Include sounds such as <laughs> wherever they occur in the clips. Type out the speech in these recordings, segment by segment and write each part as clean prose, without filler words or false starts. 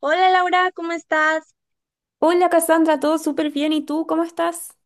Hola Laura, ¿cómo estás? Hola Cassandra, todo súper bien. ¿Y tú cómo estás?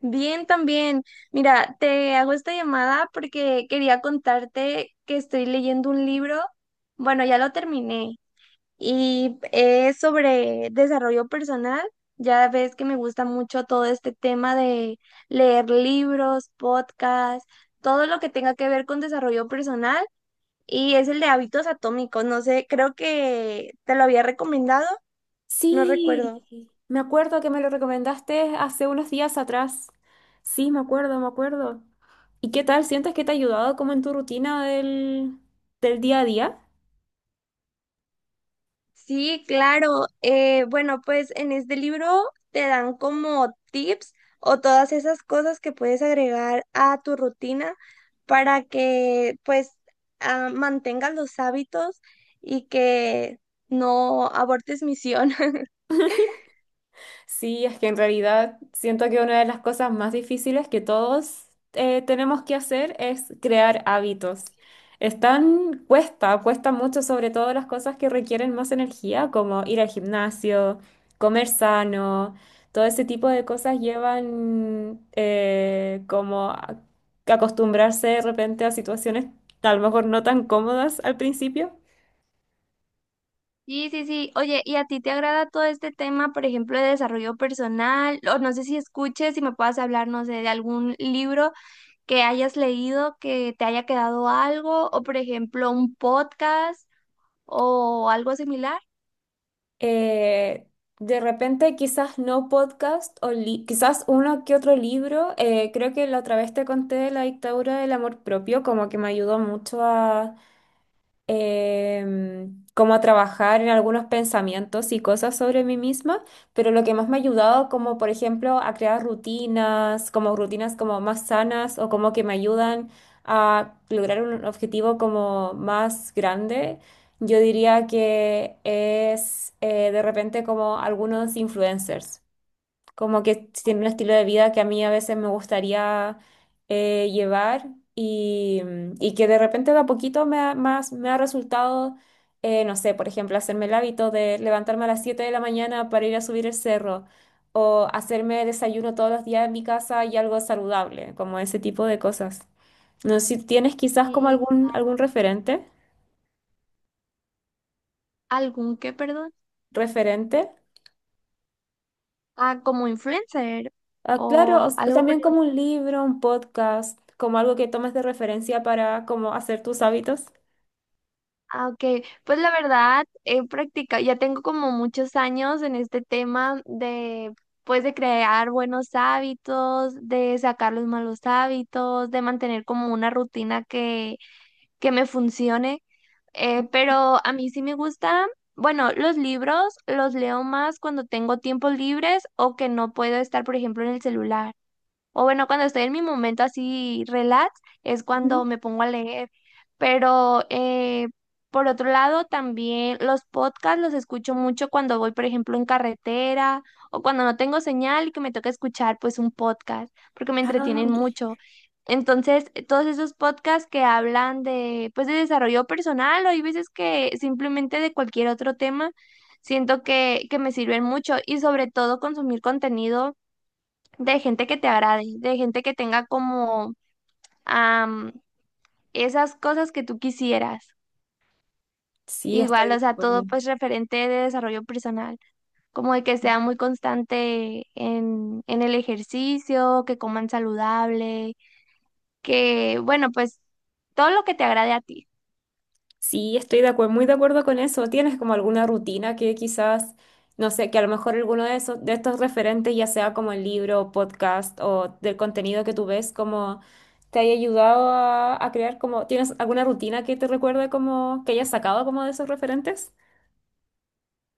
Bien también. Mira, te hago esta llamada porque quería contarte que estoy leyendo un libro. Bueno, ya lo terminé y es sobre desarrollo personal. Ya ves que me gusta mucho todo este tema de leer libros, podcasts, todo lo que tenga que ver con desarrollo personal y es el de hábitos atómicos. No sé, creo que te lo había recomendado, no recuerdo. Sí, me acuerdo que me lo recomendaste hace unos días atrás. Sí, me acuerdo, me acuerdo. ¿Y qué tal? ¿Sientes que te ha ayudado como en tu rutina del día a día? Sí, claro. Bueno, pues en este libro te dan como tips o todas esas cosas que puedes agregar a tu rutina para que pues mantengas los hábitos y que no abortes misión. <laughs> Sí, es que en realidad siento que una de las cosas más difíciles que todos tenemos que hacer es crear hábitos. Están, cuesta mucho, sobre todo las cosas que requieren más energía, como ir al gimnasio, comer sano, todo ese tipo de cosas llevan como acostumbrarse de repente a situaciones a lo mejor no tan cómodas al principio. Sí, sí, sí. Oye, ¿y a ti te agrada todo este tema, por ejemplo, de desarrollo personal? O no sé si escuches, si me puedas hablar, no sé, de algún libro que hayas leído, que te haya quedado algo, o por ejemplo, un podcast o algo similar, eh, de repente quizás no podcast o quizás uno que otro libro. Creo que la otra vez te conté de la dictadura del amor propio, como que me ayudó mucho como a trabajar en algunos pensamientos y cosas sobre mí misma, pero lo que más me ha ayudado, como por ejemplo, a crear rutinas como más sanas o como que me ayudan a lograr un objetivo como más grande, yo diría que es de repente como algunos influencers como que tiene un estilo de vida que a mí a veces me gustaría llevar y que de repente de a poquito me ha resultado, no sé, por ejemplo, hacerme el hábito de levantarme a las 7 de la mañana para ir a subir el cerro o hacerme desayuno todos los días en mi casa y algo saludable, como ese tipo de cosas. No sé si tienes quizás como y algún referente, algún que, perdón, referente. Como influencer Ah, claro, o algo por también el como un libro, un podcast, como algo que tomes de referencia para como hacer tus hábitos. Ah, ok, pues la verdad he practicado, ya tengo como muchos años en este tema de, pues de crear buenos hábitos, de sacar los malos hábitos, de mantener como una rutina que me funcione. Pero a mí sí me gusta, bueno, los libros los leo más cuando tengo tiempos libres o que no puedo estar, por ejemplo, en el celular. O bueno, cuando estoy en mi momento así relax, es cuando Ujú. me pongo a leer. Pero por otro lado, también los podcasts los escucho mucho cuando voy, por ejemplo, en carretera o cuando no tengo señal y que me toca escuchar pues un podcast, porque me Ah, entretienen ok. mucho. Entonces, todos esos podcasts que hablan de pues de desarrollo personal o hay veces que simplemente de cualquier otro tema, siento que me sirven mucho y sobre todo consumir contenido de gente que te agrade, de gente que tenga como am, esas cosas que tú quisieras. Sí, Igual, estoy o de sea, acuerdo. todo pues referente de desarrollo personal, como de que sea muy constante en el ejercicio, que coman saludable, que, bueno, pues todo lo que te agrade a ti. Sí, estoy de acuerdo, muy de acuerdo con eso. ¿Tienes como alguna rutina que quizás, no sé, que a lo mejor alguno de esos, de estos referentes, ya sea como el libro, podcast o del contenido que tú ves, como te haya ayudado a crear como, ¿tienes alguna rutina que te recuerde como que hayas sacado como de esos referentes?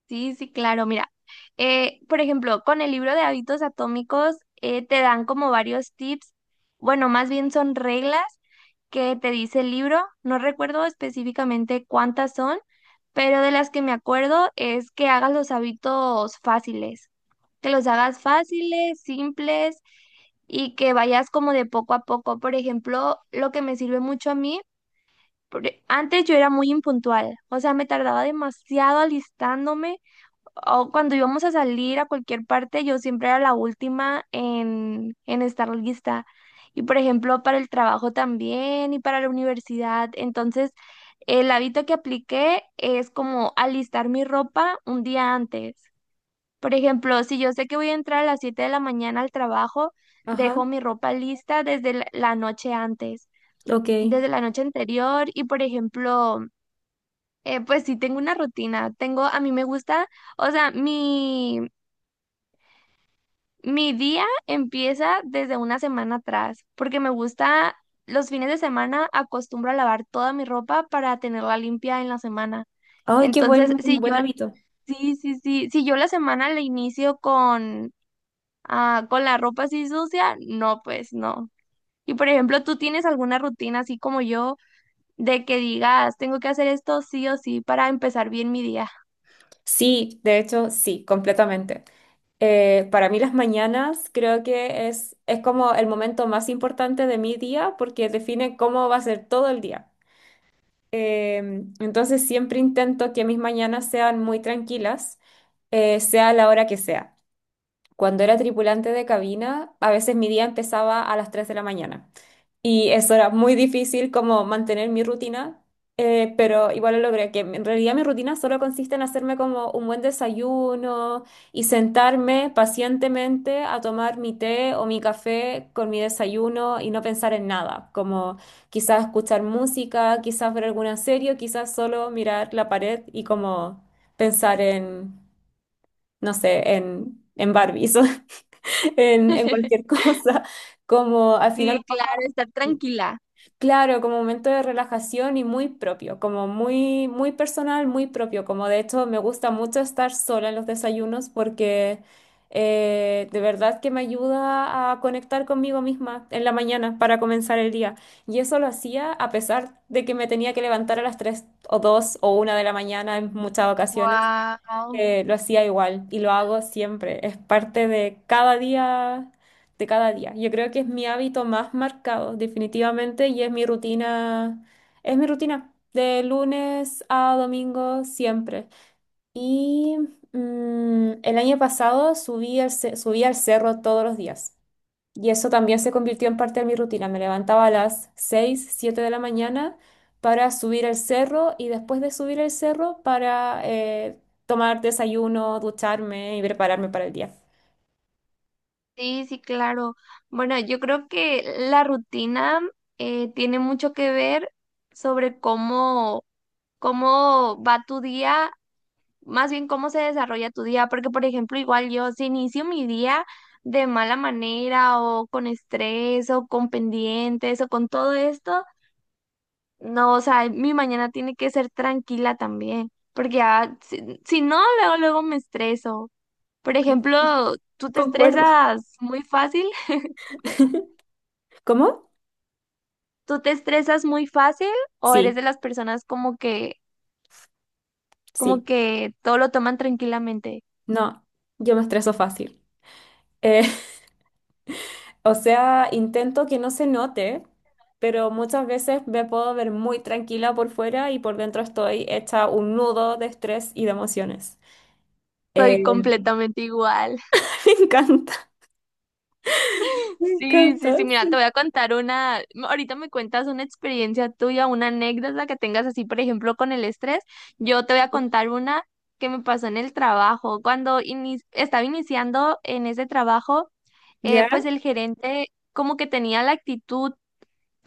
Sí, sí, claro. Mira, por ejemplo, con el libro de hábitos atómicos te dan como varios tips, bueno, más bien son reglas que te dice el libro. No recuerdo específicamente cuántas son, pero de las que me acuerdo es que hagas los hábitos fáciles, que los hagas fáciles, simples, y que vayas como de poco a poco. Por ejemplo, lo que me sirve mucho a mí, porque antes yo era muy impuntual, o sea, me tardaba demasiado alistándome o cuando íbamos a salir a cualquier parte, yo siempre era la última en estar lista. Y por ejemplo, para el trabajo también y para la universidad. Entonces, el hábito que apliqué es como alistar mi ropa un día antes. Por ejemplo, si yo sé que voy a entrar a las 7 de la mañana al trabajo, Ajá, dejo mi ropa lista desde la noche antes, ok. desde la noche anterior. Y por ejemplo, pues sí tengo una rutina. Tengo, a mí me gusta. O sea, mi día empieza desde una semana atrás, porque me gusta, los fines de semana acostumbro a lavar toda mi ropa para tenerla limpia en la semana. Ay, qué Entonces, buen, si yo, buen hábito. sí, sí, sí, si yo la semana la inicio con, con la ropa así sucia, no, pues no. Y por ejemplo, ¿tú tienes alguna rutina así como yo de que digas, tengo que hacer esto sí o sí para empezar bien mi día? Sí, de hecho, sí, completamente. Para mí las mañanas creo que es como el momento más importante de mi día porque define cómo va a ser todo el día. Eh, entonces siempre intento que mis mañanas sean muy tranquilas, sea la hora que sea. Cuando era tripulante de cabina, a veces mi día empezaba a las 3 de la mañana. Y eso era muy difícil como mantener mi rutina, pero igual lo logré, que en realidad mi rutina solo consiste en hacerme como un buen desayuno y sentarme pacientemente a tomar mi té o mi café con mi desayuno y no pensar en nada, como quizás escuchar música, quizás ver alguna serie, o quizás solo mirar la pared y como pensar en, no sé, en, Barbies <laughs> o en cualquier <laughs> <laughs> cosa, como al final. Sí, claro, estar tranquila. Claro, como momento de relajación y muy propio, como muy, muy personal, muy propio. Como de hecho me gusta mucho estar sola en los desayunos porque de verdad que me ayuda a conectar conmigo misma en la mañana para comenzar el día. Y eso lo hacía a pesar de que me tenía que levantar a las 3 o 2 o 1 de la mañana en muchas ocasiones. Wow. Lo hacía igual y lo hago siempre. Es parte de cada día, de cada día. Yo creo que es mi hábito más marcado, definitivamente, y es mi rutina de lunes a domingo siempre. Y el año pasado subí al cerro todos los días. Y eso también se convirtió en parte de mi rutina. Me levantaba a las 6, 7 de la mañana para subir el cerro y después de subir el cerro para tomar desayuno, ducharme y prepararme para el día. Sí, sí, claro. Bueno, yo creo que la rutina tiene mucho que ver sobre cómo va tu día, más bien cómo se desarrolla tu día, porque por ejemplo, igual yo si inicio mi día de mala manera o con estrés o con pendientes o con todo esto, no, o sea, mi mañana tiene que ser tranquila también, porque ya, si no, luego, luego me estreso. Por ejemplo, <laughs> ¿tú te Concuerdo. estresas muy fácil? <laughs> <laughs> ¿Cómo? ¿Tú te estresas muy fácil o eres Sí, de las personas como sí. que todo lo toman tranquilamente? No, yo me estreso fácil. Eh, <laughs> o sea, intento que no se note, pero muchas veces me puedo ver muy tranquila por fuera y por dentro estoy hecha un nudo de estrés y de emociones. Soy Eh, completamente igual. <laughs> Me encanta. <laughs> Me Sí, sí, encanta, sí, mira, te sí. voy a contar una, ahorita me cuentas una experiencia tuya, una anécdota que tengas así, por ejemplo, con el estrés. Yo te voy a contar una que me pasó en el trabajo. Cuando estaba iniciando en ese trabajo, ¿Ya? pues el gerente como que tenía la actitud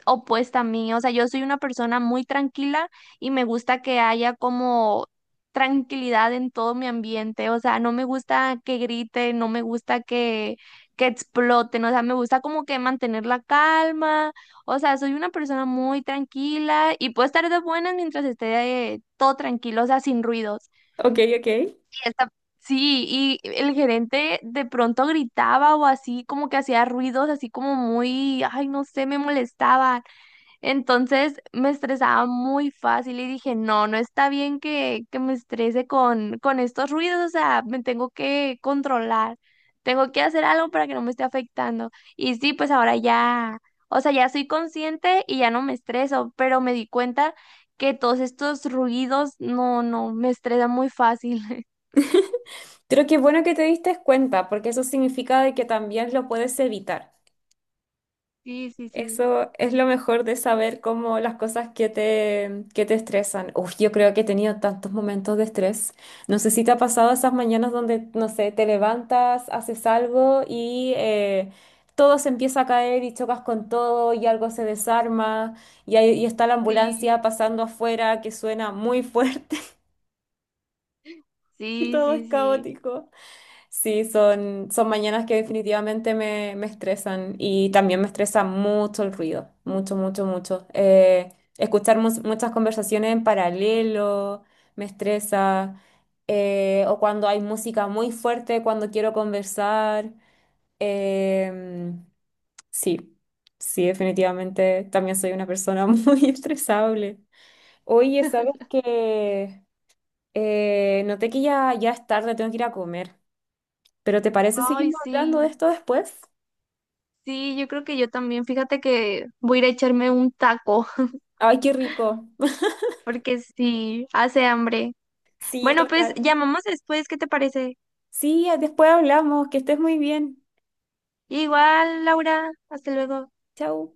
opuesta a mí. O sea, yo soy una persona muy tranquila y me gusta que haya como tranquilidad en todo mi ambiente. O sea, no me gusta que grite, no me gusta que exploten. O sea, me gusta como que mantener la calma. O sea, soy una persona muy tranquila y puedo estar de buenas mientras esté todo tranquilo, o sea, sin ruidos. Ok, ok. Y sí, y el gerente de pronto gritaba o así, como que hacía ruidos, así como muy, ay, no sé, me molestaba. Entonces me estresaba muy fácil y dije, no, no está bien que me estrese con estos ruidos, o sea, me tengo que controlar, tengo que hacer algo para que no me esté afectando. Y sí, pues ahora ya, o sea, ya soy consciente y ya no me estreso, pero me di cuenta que todos estos ruidos, no, no, me estresan muy fácil. <laughs> Creo que es bueno que te diste cuenta, porque eso significa de que también lo puedes evitar. Sí, sí, sí. Eso es lo mejor de saber cómo las cosas que te estresan. Uf, yo creo que he tenido tantos momentos de estrés. No sé si te ha pasado esas mañanas donde, no sé, te levantas, haces algo y todo se empieza a caer y chocas con todo y algo se desarma y está la Sí, ambulancia pasando afuera que suena muy fuerte <laughs> y sí, todo es sí, sí. caótico. Sí, son mañanas que definitivamente me estresan y también me estresa mucho el ruido, mucho, mucho, mucho. Escuchar muchas conversaciones en paralelo me estresa, o cuando hay música muy fuerte, cuando quiero conversar. Em, sí, sí, definitivamente también soy una persona <laughs> muy estresable. Oye, ¿sabes qué? Noté que ya, ya es tarde, tengo que ir a comer. ¿Pero te parece Ay, seguimos hablando de sí. esto después? Sí, yo creo que yo también, fíjate que voy a ir a echarme un taco, Ay, qué rico. <laughs> porque sí, hace hambre. Sí, Bueno, pues total. llamamos después, ¿qué te parece? Sí, después hablamos. Que estés muy bien. Igual, Laura, hasta luego. Chau.